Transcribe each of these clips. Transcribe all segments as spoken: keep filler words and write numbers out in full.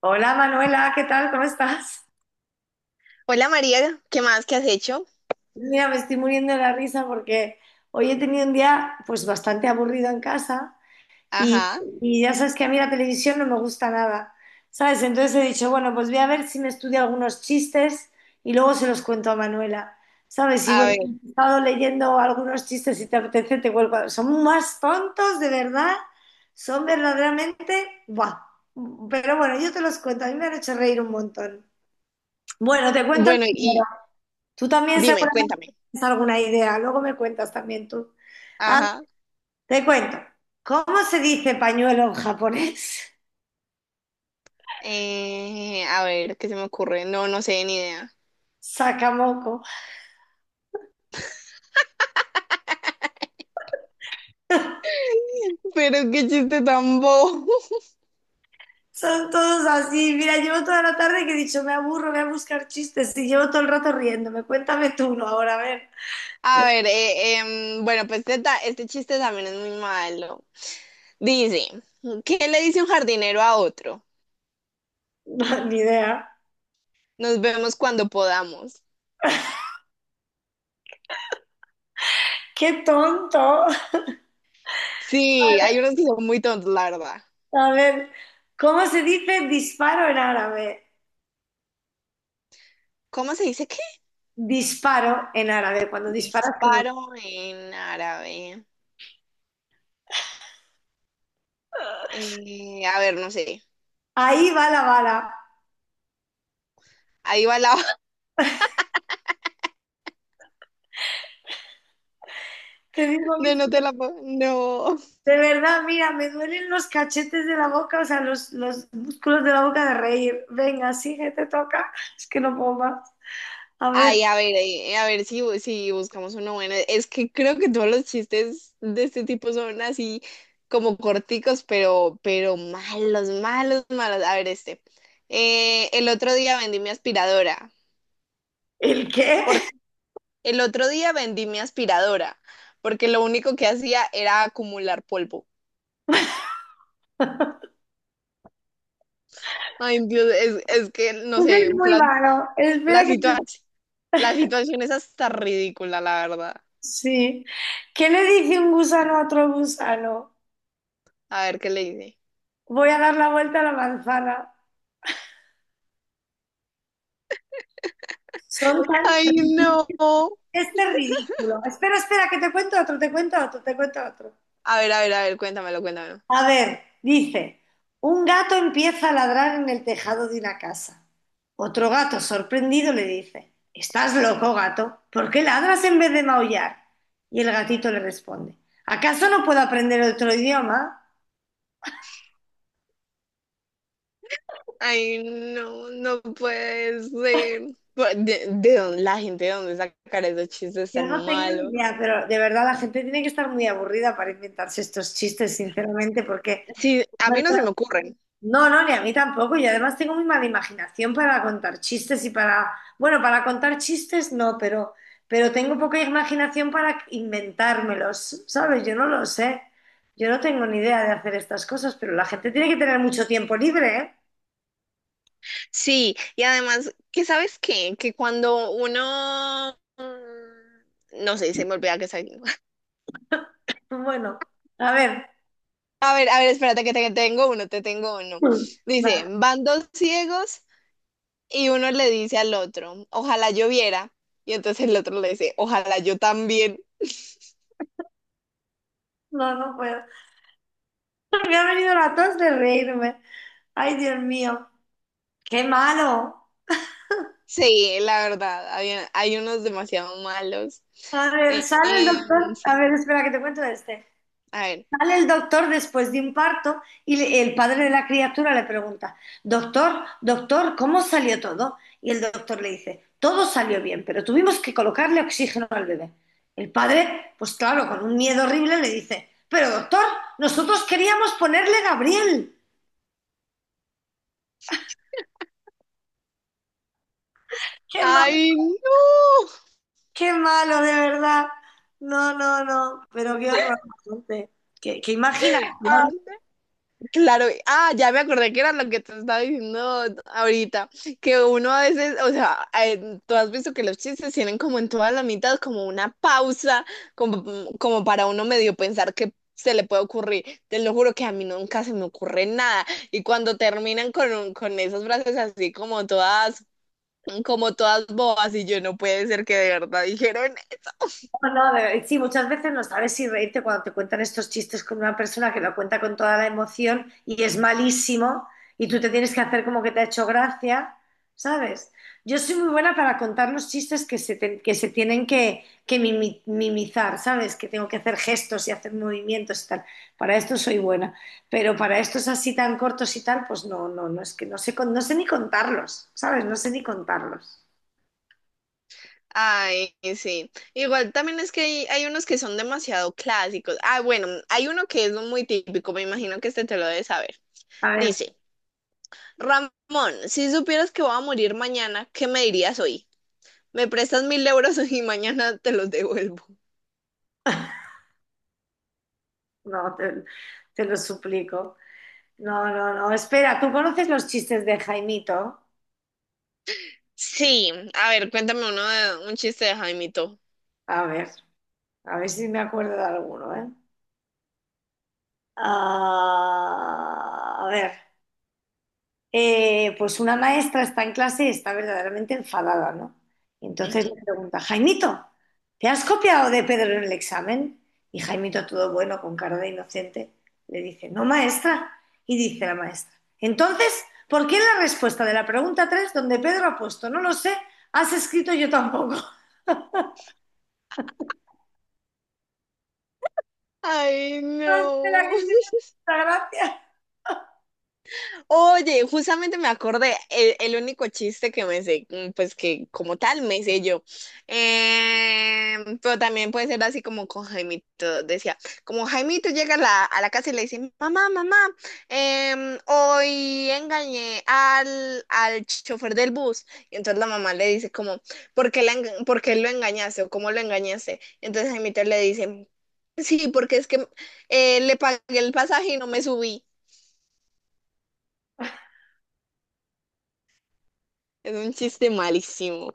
Hola Manuela, ¿qué tal? ¿Cómo estás? Hola María, ¿qué más que has hecho? Mira, me estoy muriendo de la risa porque hoy he tenido un día pues bastante aburrido en casa y, Ajá, y ya sabes que a mí la televisión no me gusta nada, ¿sabes? Entonces he dicho, bueno, pues voy a ver si me estudio algunos chistes y luego se los cuento a Manuela, ¿sabes? Y a bueno, ver, he estado leyendo algunos chistes, si te apetece te cuelgo. Son más tontos, de verdad, son verdaderamente, ¡buah! Pero bueno, yo te los cuento, a mí me han hecho reír un montón. Bueno, te cuento. bueno, y Tú también dime, seguramente cuéntame. tienes alguna idea, luego me cuentas también tú. Ah, Ajá, te cuento. ¿Cómo se dice pañuelo en japonés? eh, a ver, ¿qué se me ocurre? No, no sé, ni idea. Sakamoko. Pero qué chiste tan bobo. Son todos así. Mira, llevo toda la tarde que he dicho, me aburro, voy a buscar chistes y llevo todo el rato riéndome. Cuéntame tú uno ahora, a ver. A ver, eh, em, bueno, pues este, ta- este chiste también es muy malo. Dice, ¿qué le dice un jardinero a otro? No, ni idea. Nos vemos cuando podamos. ¡Qué tonto! Sí, hay unos que son muy tontos, la verdad. A ver, ¿cómo se dice disparo en árabe? ¿Cómo se dice qué? Disparo en árabe, cuando disparas con un... Disparo en árabe. Eh, a ver, no sé. Ahí va la bala. Ahí va la Te digo, de no ¿viste? te la puedo. No. De verdad, mira, me duelen los cachetes de la boca, o sea, los, los músculos de la boca de reír. Venga, sigue, te toca. Es que no puedo más. A ver, Ay, a ver, eh, a ver si, bu- si buscamos uno bueno. Es que creo que todos los chistes de este tipo son así como corticos, pero, pero malos, malos, malos. A ver, este. Eh, el otro día vendí mi aspiradora. ¿el qué? Por. El otro día vendí mi aspiradora, porque lo único que hacía era acumular polvo. Ay, Dios, es, es que, no Pues sé, es muy la, malo. Espera la que situación, te... la situación es hasta ridícula, la verdad. Sí. ¿Qué le dice un gusano a otro gusano? A ver qué le dice. Voy a dar la vuelta a la manzana. Son tan Ay, no. ridículos. Este es ridículo. Espera, espera, que te cuento otro, te cuento otro, te cuento otro. A ver, a ver, a ver, cuéntamelo, cuéntamelo. A ver, dice, un gato empieza a ladrar en el tejado de una casa. Otro gato, sorprendido, le dice, ¿estás loco, gato? ¿Por qué ladras en vez de maullar? Y el gatito le responde, ¿acaso no puedo aprender otro idioma? Ay, no, no puede ser. Bu- ¿De, de dónde, la gente de dónde sacar esos chistes Yo no tan tengo ni malos? idea, pero de verdad la gente tiene que estar muy aburrida para inventarse estos chistes, sinceramente, porque Sí, a mí bueno. no se me ocurren. No, no, ni a mí tampoco. Y además tengo muy mala imaginación para contar chistes y para, bueno, para contar chistes no, pero, pero tengo poca imaginación para inventármelos, ¿sabes? Yo no lo sé. Yo no tengo ni idea de hacer estas cosas, pero la gente tiene que tener mucho tiempo libre, ¿eh? Sí, y además, ¿qué sabes qué? Que cuando uno, mm, No sé, se me olvida que soy. Bueno, a ver. A ver, a ver, espérate que te tengo uno, te tengo uno. Mm. No, Dice, van dos ciegos y uno le dice al otro, ojalá yo viera. Y entonces el otro le dice, ojalá yo también. no, no puedo. Me ha venido la tos de reírme. Ay, Dios mío, qué malo. Sí, la verdad, hay, hay unos demasiado malos. A ver, Eh, sale el em, doctor. A Sí, ver, espera que te cuento este. a ver. Sale el doctor después de un parto y le- el padre de la criatura le pregunta, doctor, doctor, ¿cómo salió todo? Y el doctor le dice, todo salió bien, pero tuvimos que colocarle oxígeno al bebé. El padre, pues claro, con un miedo horrible le dice, pero doctor, nosotros queríamos ponerle Gabriel. Qué malo, ¡Ay, no! qué malo, de verdad. No, no, no, pero qué horror. Monse. Qué, qué Ah, imaginación. claro, ah, ya me acordé que era lo que te estaba diciendo ahorita, que uno a veces, o sea, eh, tú has visto que los chistes tienen como en todas las mitad como una pausa, como, como para uno medio pensar que se le puede ocurrir. Te lo juro que a mí nunca se me ocurre nada. Y cuando terminan con, un- con esas frases así como todas como todas bobas y yo no puede ser que de verdad dijeron, No, no, de- sí, muchas veces no sabes si reírte cuando te cuentan estos chistes con una persona que lo cuenta con toda la emoción y es malísimo y tú te tienes que hacer como que te ha hecho gracia, ¿sabes? Yo soy muy buena para contar los chistes que se, te- que se tienen que, que mimi- mimizar, ¿sabes? Que tengo que hacer gestos y hacer movimientos y tal. Para esto soy buena, pero para estos así tan cortos y tal, pues no, no, no, es que no sé, con- no sé ni contarlos, ¿sabes? No sé ni contarlos. ay, sí. Igual también es que hay, hay unos que son demasiado clásicos. Ah, bueno, hay uno que es muy típico, me imagino que este te lo debes saber. A ver, Dice, Ramón, si supieras que voy a morir mañana, ¿qué me dirías hoy? Me prestas mil euros y mañana te los devuelvo. no, te te lo suplico. No, no, no. Espera, ¿tú conoces los chistes de Jaimito? Sí, a ver, cuéntame uno de un chiste de Jaimito. A ver, a ver si me acuerdo de alguno, ¿eh? Ah, a ver, Eh, pues una maestra está en clase y está verdaderamente enfadada, ¿no? Y entonces Ujú. le pregunta, Jaimito, ¿te has copiado de Pedro en el examen? Y Jaimito, todo bueno, con cara de inocente, le dice, no, maestra. Y dice la maestra, entonces, ¿por qué en la respuesta de la pregunta tres donde Pedro ha puesto, no lo sé, has escrito yo tampoco? Ay, Espera, que no. tiene mucha gracia. Oye, justamente me acordé, el, el único chiste que me sé, mm, pues que como tal me sé yo. Em, pero también puede ser así como con Jaimito, decía, como Jaimito llega a la, a la casa y le dice, mamá, mamá, em, hoy engañé al, al chofer del bus. Y entonces la mamá le dice como, ¿por qué, la enga- por qué lo engañaste o cómo lo engañaste? Entonces Jaimito le dice, sí, porque es que eh, le pagué el pasaje y no me subí. Es un chiste malísimo.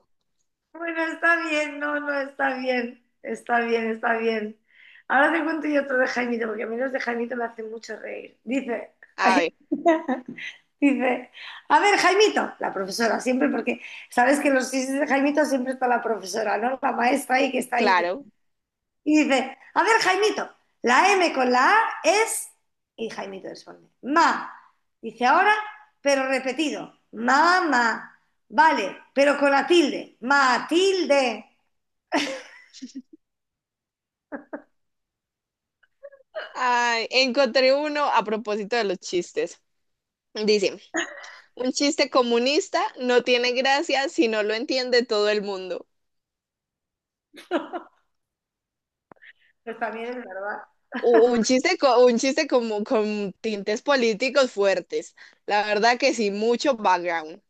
Bueno, está bien, no, no, está bien, está bien, está bien. Ahora te cuento yo otro de Jaimito, porque a mí los de Jaimito me hacen mucho reír. Dice, A ver, dice, a ver, Jaimito, la profesora, siempre, porque sabes que en los chistes de Jaimito siempre está la profesora, ¿no? La maestra ahí que está ahí. claro. Y dice, a ver, Jaimito, la eme con la A es, y Jaimito responde, ma. Dice ahora, pero repetido, mamá. Vale, pero con la tilde, Matilde. Ay, encontré uno a propósito de los chistes. Dice, un chiste comunista no tiene gracia si no lo entiende todo el mundo. Pues también es verdad, U- Un chiste, co- un chiste como con tintes políticos fuertes. La verdad que sí, mucho background.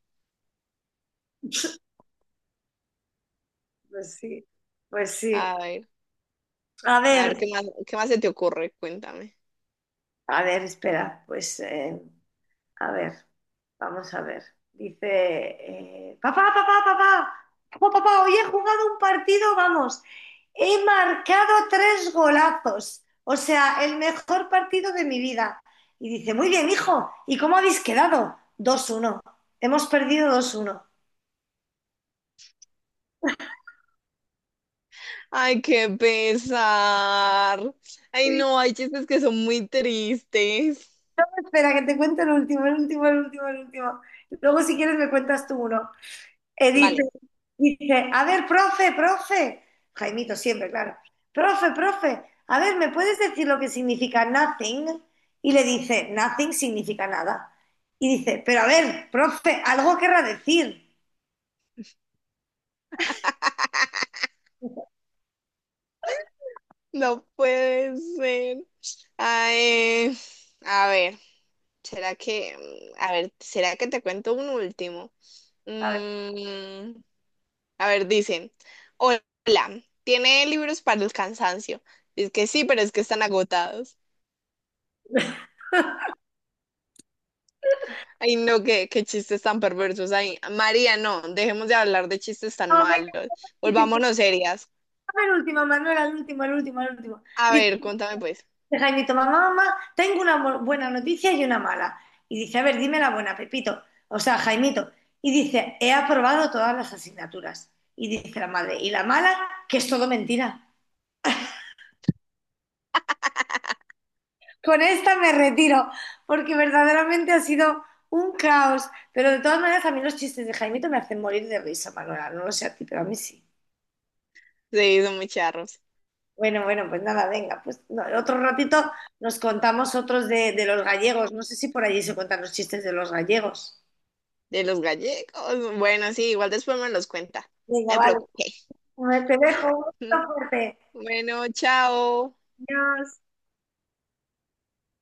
pues sí, pues sí. A ver, A a ver, ver qué más, qué más se te ocurre, cuéntame. a ver, espera, pues... eh, a ver, vamos a ver. Dice, eh, papá, papá, papá, papá, papá, hoy he jugado un partido, vamos, he marcado tres golazos, o sea, el mejor partido de mi vida. Y dice, muy bien, hijo, ¿y cómo habéis quedado? Dos uno. Hemos perdido dos uno. Ay, qué pesar. Ay, no, hay chistes que son muy tristes. Espera, que te cuente el último, el último, el último, el último. Luego, si quieres, me cuentas tú uno. Eh, dice, Vale. dice, a ver, profe, profe, Jaimito siempre, claro, profe, profe, a ver, ¿me puedes decir lo que significa nothing? Y le dice, nothing significa nada. Y dice, pero a ver, profe, algo querrá decir. No puede ser. Ay, a ver, ¿será que, mm, a ver, será que te cuento un último? A ver, Mm, a ver, dicen, hola, ¿tiene libros para el cansancio? Es que sí, pero es que están agotados. Ay, no, qué, qué chistes tan perversos ahí. María, no, dejemos de hablar de chistes tan no, el malos. último, Volvámonos serias. el último, Manuel, el último, el último, el último. A Dice, ver, cuéntame pues. de Jaimito, mamá, mamá, tengo una bu- buena noticia y una mala. Y dice, a ver, dime la buena, Pepito, o sea, Jaimito. Y dice, he aprobado todas las asignaturas. Y dice la madre, y la mala, que es todo mentira. Con esta me retiro, porque verdaderamente ha sido un caos. Pero de todas maneras, a mí los chistes de Jaimito me hacen morir de risa, Manuela. No lo sé a ti, pero a mí sí. Sí, son muy charros. Bueno, bueno, pues nada, venga, pues no, otro ratito nos contamos otros de, de los gallegos. No sé si por allí se cuentan los chistes de los gallegos. De los gallegos. Bueno, sí, igual después me los cuenta. Venga, No me vale. preocupé. A Te dejo un beso fuerte. Bueno, chao. Adiós.